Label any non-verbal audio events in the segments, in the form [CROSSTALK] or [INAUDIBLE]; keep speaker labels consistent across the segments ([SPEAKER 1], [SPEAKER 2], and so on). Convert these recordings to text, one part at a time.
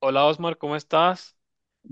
[SPEAKER 1] Hola, Osmar, ¿cómo estás?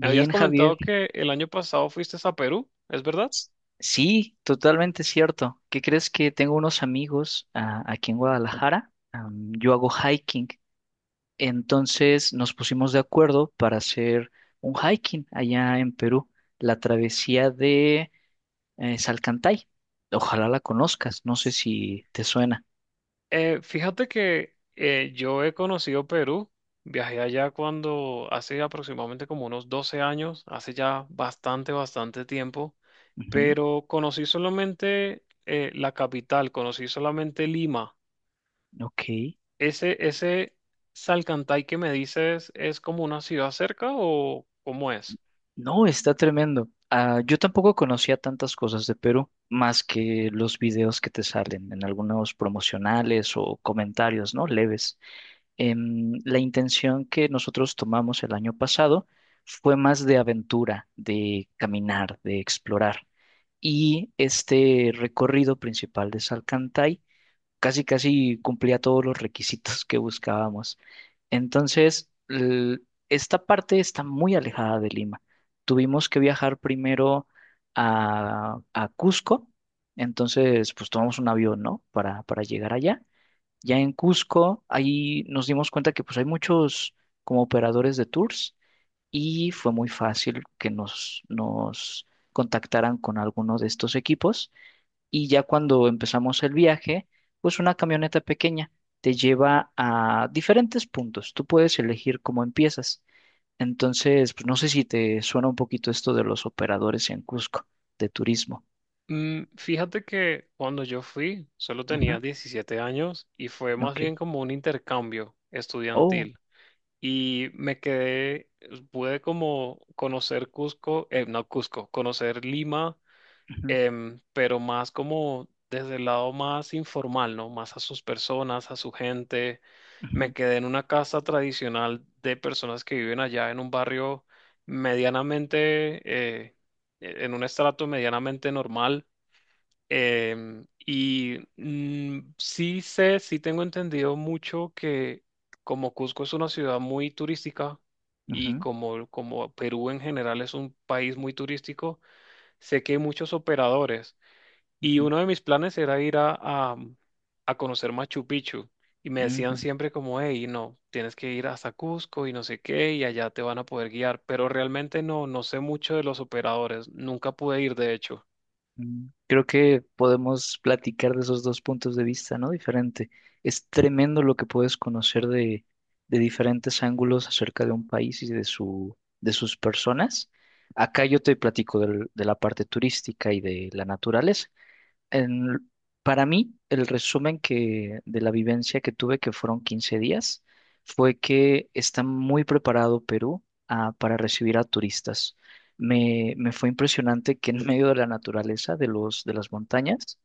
[SPEAKER 1] Me habías
[SPEAKER 2] Javier.
[SPEAKER 1] comentado que el año pasado fuiste a Perú, ¿es verdad?
[SPEAKER 2] S- Sí, totalmente cierto. ¿Qué crees que tengo unos amigos aquí en Guadalajara? Yo hago hiking. Entonces nos pusimos de acuerdo para hacer un hiking allá en Perú, la travesía de Salcantay. Ojalá la conozcas, no sé si te suena.
[SPEAKER 1] Fíjate que yo he conocido Perú, viajé allá cuando hace aproximadamente como unos 12 años, hace ya bastante, bastante tiempo,
[SPEAKER 2] Ujú.
[SPEAKER 1] pero conocí solamente la capital, conocí solamente Lima.
[SPEAKER 2] Ok.
[SPEAKER 1] ¿Ese, ese Salcantay que me dices es como una ciudad cerca o cómo es?
[SPEAKER 2] No, está tremendo. Ah, yo tampoco conocía tantas cosas de Perú, más que los videos que te salen en algunos promocionales o comentarios, ¿no? Leves. La intención que nosotros tomamos el año pasado fue más de aventura, de caminar, de explorar. Y este recorrido principal de Salcantay casi casi cumplía todos los requisitos que buscábamos. Entonces, esta parte está muy alejada de Lima. Tuvimos que viajar primero a Cusco, entonces pues tomamos un avión, ¿no? Para llegar allá. Ya en Cusco, ahí nos dimos cuenta que pues hay muchos como operadores de tours y fue muy fácil que nos contactaran con alguno de estos equipos y ya cuando empezamos el viaje, pues una camioneta pequeña te lleva a diferentes puntos. Tú puedes elegir cómo empiezas. Entonces, pues no sé si te suena un poquito esto de los operadores en Cusco, de turismo.
[SPEAKER 1] Fíjate que cuando yo fui solo tenía 17 años y fue
[SPEAKER 2] Ujú,
[SPEAKER 1] más
[SPEAKER 2] ok.
[SPEAKER 1] bien como un intercambio
[SPEAKER 2] Oh.
[SPEAKER 1] estudiantil. Y me quedé, pude como conocer Cusco, no Cusco, conocer Lima,
[SPEAKER 2] Ujú,
[SPEAKER 1] pero más como desde el lado más informal, ¿no? Más a sus personas, a su gente. Me
[SPEAKER 2] ujú,
[SPEAKER 1] quedé en una casa tradicional de personas que viven allá en un barrio medianamente, en un estrato medianamente normal. Sí sé, sí tengo entendido mucho que como Cusco es una ciudad muy turística y
[SPEAKER 2] ujú,
[SPEAKER 1] como, como Perú en general es un país muy turístico, sé que hay muchos operadores. Y
[SPEAKER 2] ujú,
[SPEAKER 1] uno de mis planes era ir a conocer Machu Picchu. Y me
[SPEAKER 2] ujú,
[SPEAKER 1] decían
[SPEAKER 2] ujú.
[SPEAKER 1] siempre como, hey, no, tienes que ir hasta Cusco y no sé qué, y allá te van a poder guiar. Pero realmente no, no sé mucho de los operadores. Nunca pude ir, de hecho.
[SPEAKER 2] Creo que podemos platicar de esos dos puntos de vista, ¿no? Diferente. Es tremendo lo que puedes conocer de diferentes ángulos acerca de un país y de su, de sus personas. Acá yo te platico de la parte turística y de la naturaleza en- para mí, el resumen que, de la vivencia que tuve, que fueron 15 días, fue que está muy preparado Perú para recibir a turistas. Me fue impresionante que en medio de la naturaleza, de los, de las montañas,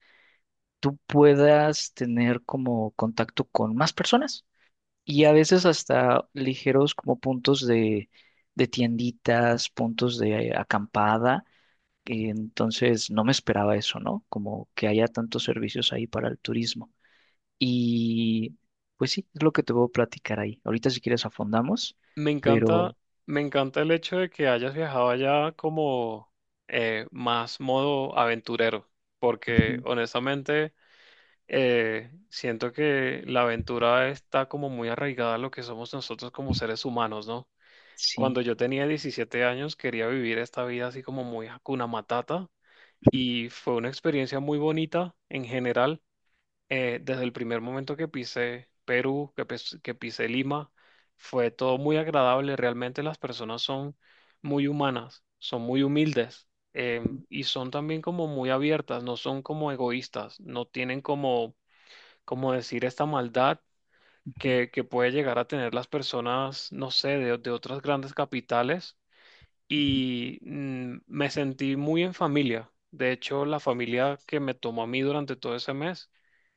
[SPEAKER 2] tú puedas tener como contacto con más personas y a veces hasta ligeros como puntos de tienditas, puntos de acampada y entonces no me esperaba eso, ¿no? Como que haya tantos servicios ahí para el turismo. Y pues sí, es lo que te voy a platicar ahí. Ahorita si quieres afondamos,
[SPEAKER 1] Me
[SPEAKER 2] pero
[SPEAKER 1] encanta, me encanta el hecho de que hayas viajado allá como más modo aventurero,
[SPEAKER 2] ujú,
[SPEAKER 1] porque honestamente siento que la aventura está como muy arraigada a lo que somos nosotros como seres humanos, ¿no? Cuando
[SPEAKER 2] sí.
[SPEAKER 1] yo tenía 17 años quería vivir esta vida así como muy Hakuna Matata, y fue una experiencia muy bonita en general. Desde el primer momento que pisé Perú, que, que pisé Lima, fue todo muy agradable. Realmente las personas son muy humanas, son muy humildes, eh, y son también como muy abiertas, no son como egoístas, no tienen como, como decir esta maldad
[SPEAKER 2] Ujú,
[SPEAKER 1] que puede llegar a tener las personas, no sé, de otras grandes capitales.
[SPEAKER 2] ujú,
[SPEAKER 1] Y me sentí muy en familia. De hecho, la familia que me tomó a mí durante todo ese mes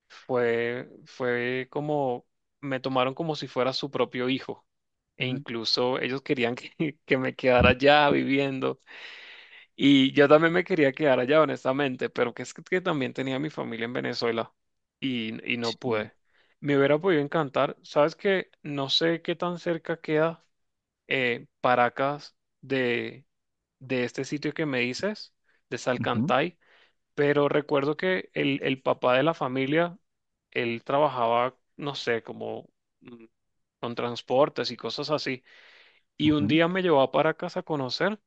[SPEAKER 1] fue, fue como, me tomaron como si fuera su propio hijo. E
[SPEAKER 2] ujú, ujú.
[SPEAKER 1] incluso ellos querían que, [LAUGHS] que me quedara allá viviendo. Y yo también me quería quedar allá, honestamente, pero que es que, también tenía mi familia en Venezuela, y no
[SPEAKER 2] Sí.
[SPEAKER 1] pude. Me hubiera podido encantar. Sabes que no sé qué tan cerca queda Paracas de, de este sitio que me dices, de
[SPEAKER 2] Ujú,
[SPEAKER 1] Salcantay. Pero recuerdo que el papá de la familia, él trabajaba, no sé, como mm, con transportes y cosas así. Y un
[SPEAKER 2] ujú,
[SPEAKER 1] día me llevó para casa a conocer,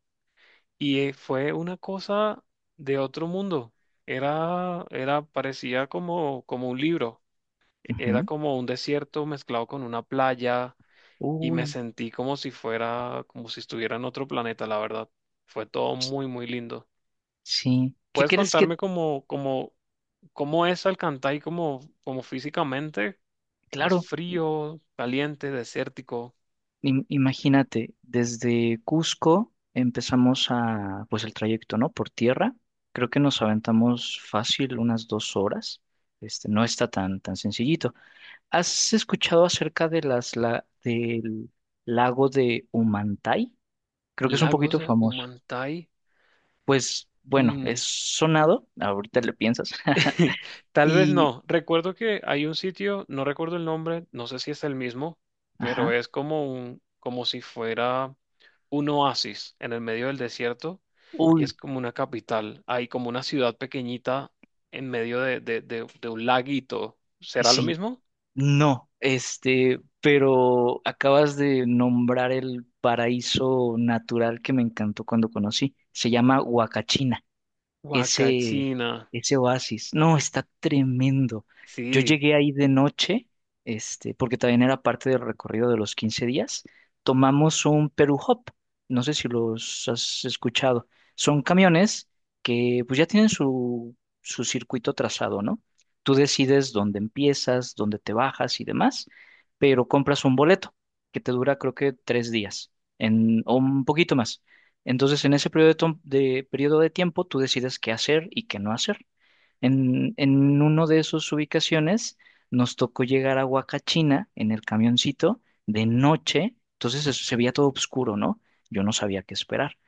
[SPEAKER 1] y fue una cosa de otro mundo. Era, era, parecía como, como un libro. Era
[SPEAKER 2] ujú.
[SPEAKER 1] como un desierto mezclado con una playa, y me
[SPEAKER 2] Uy,
[SPEAKER 1] sentí como si fuera, como si estuviera en otro planeta, la verdad. Fue todo muy, muy lindo.
[SPEAKER 2] sí. ¿Qué
[SPEAKER 1] ¿Puedes
[SPEAKER 2] crees que?
[SPEAKER 1] contarme cómo, cómo, cómo es Alcantay, como como físicamente? ¿Es
[SPEAKER 2] Claro.
[SPEAKER 1] frío, caliente, desértico?
[SPEAKER 2] Imagínate, desde Cusco empezamos a, pues el trayecto, ¿no? Por tierra. Creo que nos aventamos fácil unas 2 horas. Este, no está tan, tan sencillito. ¿Has escuchado acerca de las, la, del lago de Humantay? Creo que es un
[SPEAKER 1] Lagos
[SPEAKER 2] poquito
[SPEAKER 1] de
[SPEAKER 2] famoso.
[SPEAKER 1] Humantay.
[SPEAKER 2] Pues bueno,
[SPEAKER 1] Mm,
[SPEAKER 2] es sonado, ahorita le piensas.
[SPEAKER 1] [LAUGHS]
[SPEAKER 2] [LAUGHS]
[SPEAKER 1] Tal vez
[SPEAKER 2] Y,
[SPEAKER 1] no. Recuerdo que hay un sitio, no recuerdo el nombre, no sé si es el mismo, pero
[SPEAKER 2] ajá,
[SPEAKER 1] es como un, como si fuera un oasis en el medio del desierto, y
[SPEAKER 2] uy,
[SPEAKER 1] es como una capital. Hay como una ciudad pequeñita en medio de, de un laguito. ¿Será lo
[SPEAKER 2] sí.
[SPEAKER 1] mismo?
[SPEAKER 2] No, este, pero acabas de nombrar el paraíso natural que me encantó cuando conocí. Se llama Huacachina, ese,
[SPEAKER 1] Huacachina,
[SPEAKER 2] ese oasis. No, está tremendo. Yo
[SPEAKER 1] sí,
[SPEAKER 2] llegué ahí de noche, este, porque también era parte del recorrido de los 15 días. Tomamos un Perú Hop, no sé si los has escuchado. Son camiones que pues ya tienen su, su circuito trazado, ¿no? Tú decides dónde empiezas, dónde te bajas y demás, pero compras un boleto que te dura creo que 3 días en, o un poquito más. Entonces, en ese periodo de, periodo de tiempo, tú decides qué hacer y qué no hacer. En uno de esas ubicaciones, nos tocó llegar a Huacachina en el camioncito de noche. Entonces, eso se veía todo oscuro, ¿no? Yo no sabía qué esperar.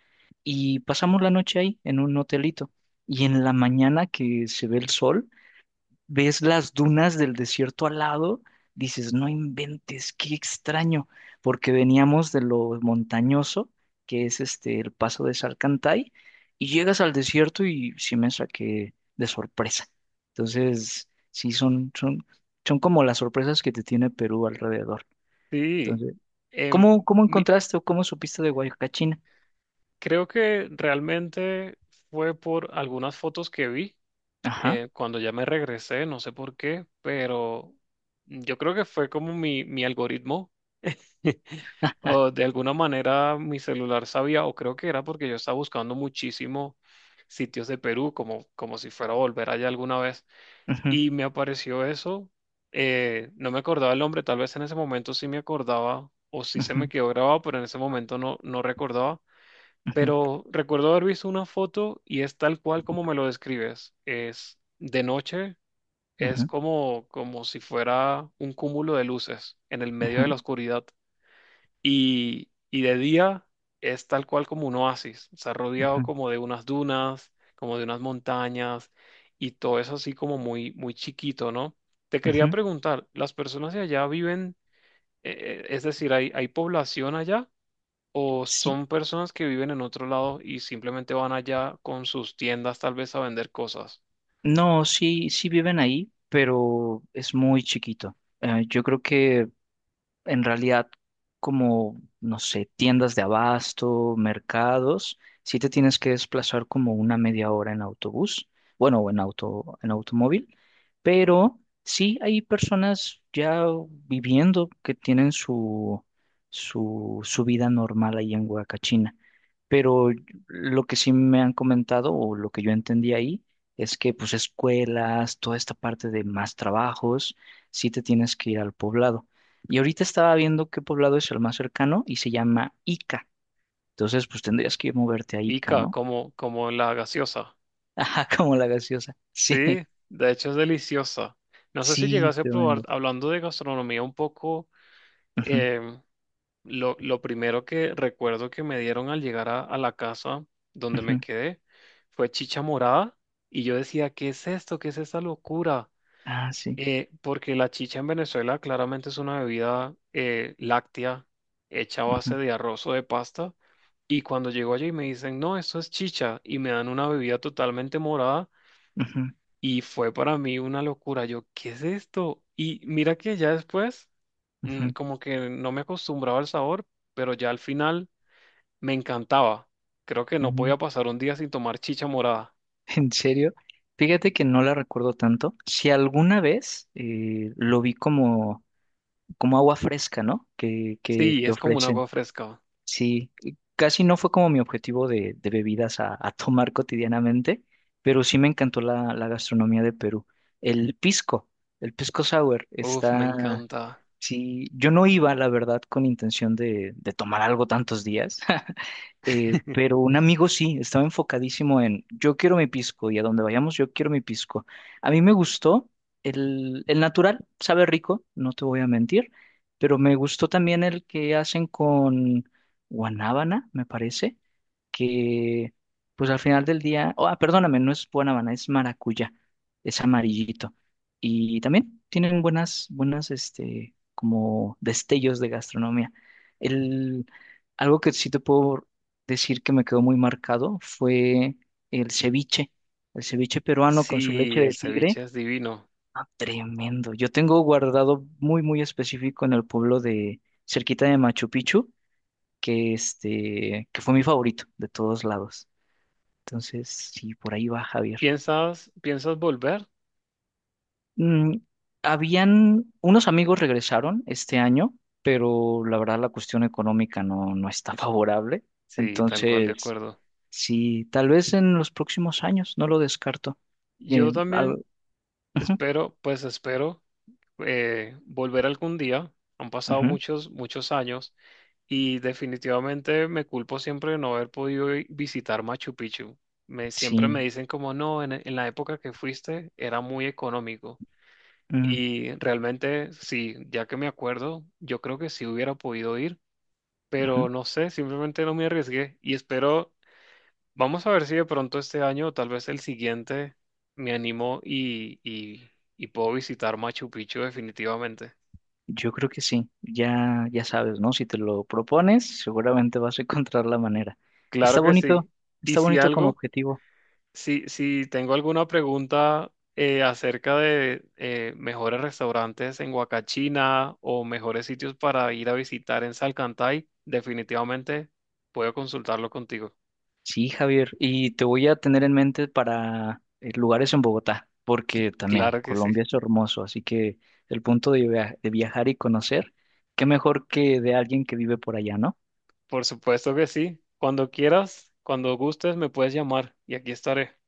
[SPEAKER 2] Y pasamos la noche ahí, en un hotelito. Y en la mañana que se ve el sol, ves las dunas del desierto al lado, dices, no inventes, qué extraño, porque veníamos de lo montañoso, que es este el paso de Salcantay, y llegas al desierto y sí me saqué de sorpresa. Entonces, sí, son, son, son como las sorpresas que te tiene Perú alrededor.
[SPEAKER 1] sí.
[SPEAKER 2] Entonces,
[SPEAKER 1] Em,
[SPEAKER 2] ¿cómo, cómo
[SPEAKER 1] mi-
[SPEAKER 2] encontraste o cómo supiste de Guayacachina?
[SPEAKER 1] Creo que realmente fue por algunas fotos que vi
[SPEAKER 2] Ajá.
[SPEAKER 1] cuando ya me regresé, no sé por qué, pero yo creo que fue como mi algoritmo. [LAUGHS] O de alguna manera mi celular sabía, o creo que era porque yo estaba buscando muchísimo sitios de Perú, como, como si fuera a volver allá alguna vez,
[SPEAKER 2] Ujú,
[SPEAKER 1] y me apareció eso. No me acordaba el nombre, tal vez en ese momento sí me acordaba o sí se me
[SPEAKER 2] ujú,
[SPEAKER 1] quedó grabado, pero en ese momento no, no recordaba. Pero recuerdo haber visto una foto y es tal cual como me lo describes. Es de noche,
[SPEAKER 2] ujú,
[SPEAKER 1] es
[SPEAKER 2] ujú,
[SPEAKER 1] como, como si fuera un cúmulo de luces en el medio
[SPEAKER 2] ujú,
[SPEAKER 1] de la oscuridad. Y de día es tal cual como un oasis, está rodeado
[SPEAKER 2] ujú,
[SPEAKER 1] como de unas dunas, como de unas montañas, y todo es así como muy, muy chiquito, ¿no? Te quería
[SPEAKER 2] ujú.
[SPEAKER 1] preguntar, ¿las personas de allá viven, eh, es decir, ¿hay, hay población allá? ¿O
[SPEAKER 2] Sí.
[SPEAKER 1] son personas que viven en otro lado y simplemente van allá con sus tiendas tal vez a vender cosas?
[SPEAKER 2] No, sí, sí viven ahí, pero es muy chiquito. Yo creo que en realidad como, no sé, tiendas de abasto, mercados, sí te tienes que desplazar como una media hora en autobús, bueno, o en auto, en automóvil, pero sí hay personas ya viviendo que tienen su, su, su vida normal ahí en Huacachina. Pero lo que sí me han comentado o lo que yo entendí ahí es que pues escuelas, toda esta parte de más trabajos, sí te tienes que ir al poblado. Y ahorita estaba viendo qué poblado es el más cercano y se llama Ica. Entonces, pues tendrías que moverte a Ica,
[SPEAKER 1] Ica,
[SPEAKER 2] ¿no?
[SPEAKER 1] como, como la gaseosa.
[SPEAKER 2] [LAUGHS] Ajá, como la gaseosa.
[SPEAKER 1] Sí,
[SPEAKER 2] Sí,
[SPEAKER 1] de hecho es deliciosa. No sé si
[SPEAKER 2] sí,
[SPEAKER 1] llegase a probar,
[SPEAKER 2] tremendo.
[SPEAKER 1] hablando de gastronomía un poco.
[SPEAKER 2] Ujú,
[SPEAKER 1] em, lo primero que recuerdo que me dieron al llegar a la casa donde me
[SPEAKER 2] ujú.
[SPEAKER 1] quedé fue chicha morada, y yo decía, ¿qué es esto? ¿Qué es esta locura?
[SPEAKER 2] Ah, sí.
[SPEAKER 1] Porque la chicha en Venezuela claramente es una bebida láctea hecha a base
[SPEAKER 2] Ujú,
[SPEAKER 1] de arroz o de pasta. Y cuando llego allí me dicen, no, esto es chicha y me dan una bebida totalmente morada.
[SPEAKER 2] ujú,
[SPEAKER 1] Y fue para mí una locura. Yo, ¿qué es esto? Y mira que ya después,
[SPEAKER 2] ujú,
[SPEAKER 1] como que no me acostumbraba al sabor, pero ya al final me encantaba. Creo que no
[SPEAKER 2] ujú.
[SPEAKER 1] podía
[SPEAKER 2] [LAUGHS]
[SPEAKER 1] pasar un día sin tomar chicha morada.
[SPEAKER 2] ¿En serio? Fíjate que no la recuerdo tanto. Si alguna vez lo vi como, como agua fresca, ¿no? Que
[SPEAKER 1] Sí,
[SPEAKER 2] te
[SPEAKER 1] es como un
[SPEAKER 2] ofrecen.
[SPEAKER 1] agua fresca.
[SPEAKER 2] Sí, casi no fue como mi objetivo de bebidas a tomar [LAUGHS] cotidianamente, pero sí me encantó la, la gastronomía de Perú. El pisco, el pisco sour
[SPEAKER 1] Uf, me
[SPEAKER 2] está,
[SPEAKER 1] encanta.
[SPEAKER 2] sí, yo no iba, la verdad, con intención de tomar algo tantos días, pero
[SPEAKER 1] [LAUGHS]
[SPEAKER 2] un amigo sí, estaba enfocadísimo en yo quiero mi pisco y a donde vayamos yo quiero mi pisco. A mí me gustó el natural, sabe rico, no te voy a mentir, pero me gustó también el que hacen con guanábana, me parece, que pues al final del día, oh, ah, perdóname, no es guanábana, es maracuyá, es amarillito. Y también tienen buenas, buenas, este, como destellos de gastronomía. El, algo que sí te puedo decir que me quedó muy marcado fue el ceviche, el ceviche peruano con su leche
[SPEAKER 1] Sí, el
[SPEAKER 2] de tigre.
[SPEAKER 1] ceviche es divino.
[SPEAKER 2] Ah, tremendo. Yo tengo guardado muy, muy específico en el pueblo de cerquita de Machu Picchu, que este, que fue mi favorito de todos lados. Entonces, sí, por ahí va Javier.
[SPEAKER 1] ¿Piensas, piensas volver?
[SPEAKER 2] Mm, habían, unos amigos regresaron este año, pero la verdad la cuestión económica no, no está [LAUGHS] favorable.
[SPEAKER 1] Sí, tal cual, de
[SPEAKER 2] Entonces,
[SPEAKER 1] acuerdo.
[SPEAKER 2] sí, tal vez en los próximos años, no lo descarto. Eh,
[SPEAKER 1] Yo también
[SPEAKER 2] al- ujú,
[SPEAKER 1] espero, pues espero volver algún día. Han pasado
[SPEAKER 2] ujú,
[SPEAKER 1] muchos, muchos años, y definitivamente me culpo siempre de no haber podido visitar Machu Picchu. Me, siempre me
[SPEAKER 2] sí,
[SPEAKER 1] dicen como no, en la época que fuiste era muy económico.
[SPEAKER 2] ujú,
[SPEAKER 1] Y realmente sí, ya que me acuerdo, yo creo que sí hubiera podido ir,
[SPEAKER 2] ujú.
[SPEAKER 1] pero no sé, simplemente no me arriesgué. Y espero, vamos a ver si de pronto este año o tal vez el siguiente me animo y puedo visitar Machu Picchu definitivamente.
[SPEAKER 2] Yo creo que sí. Ya, ya sabes, ¿no? Si te lo propones, seguramente vas a encontrar la manera.
[SPEAKER 1] Claro
[SPEAKER 2] Está
[SPEAKER 1] que
[SPEAKER 2] bonito,
[SPEAKER 1] sí. Y
[SPEAKER 2] está
[SPEAKER 1] si
[SPEAKER 2] bonito como
[SPEAKER 1] algo...
[SPEAKER 2] objetivo.
[SPEAKER 1] Si, si tengo alguna pregunta acerca de mejores restaurantes en Huacachina o mejores sitios para ir a visitar en Salcantay, definitivamente puedo consultarlo contigo.
[SPEAKER 2] Sí, Javier, y te voy a tener en mente para lugares en Bogotá, porque también
[SPEAKER 1] Claro que sí.
[SPEAKER 2] Colombia es hermoso, así que el punto de, de viajar y conocer, qué mejor que de alguien que vive por allá, ¿no?
[SPEAKER 1] Por supuesto que sí. Cuando quieras, cuando gustes, me puedes llamar y aquí estaré.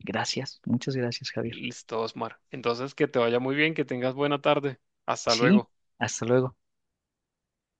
[SPEAKER 2] Gracias, muchas gracias, Javier.
[SPEAKER 1] Listo, Osmar. Entonces, que te vaya muy bien, que tengas buena tarde. Hasta
[SPEAKER 2] Sí,
[SPEAKER 1] luego.
[SPEAKER 2] hasta luego.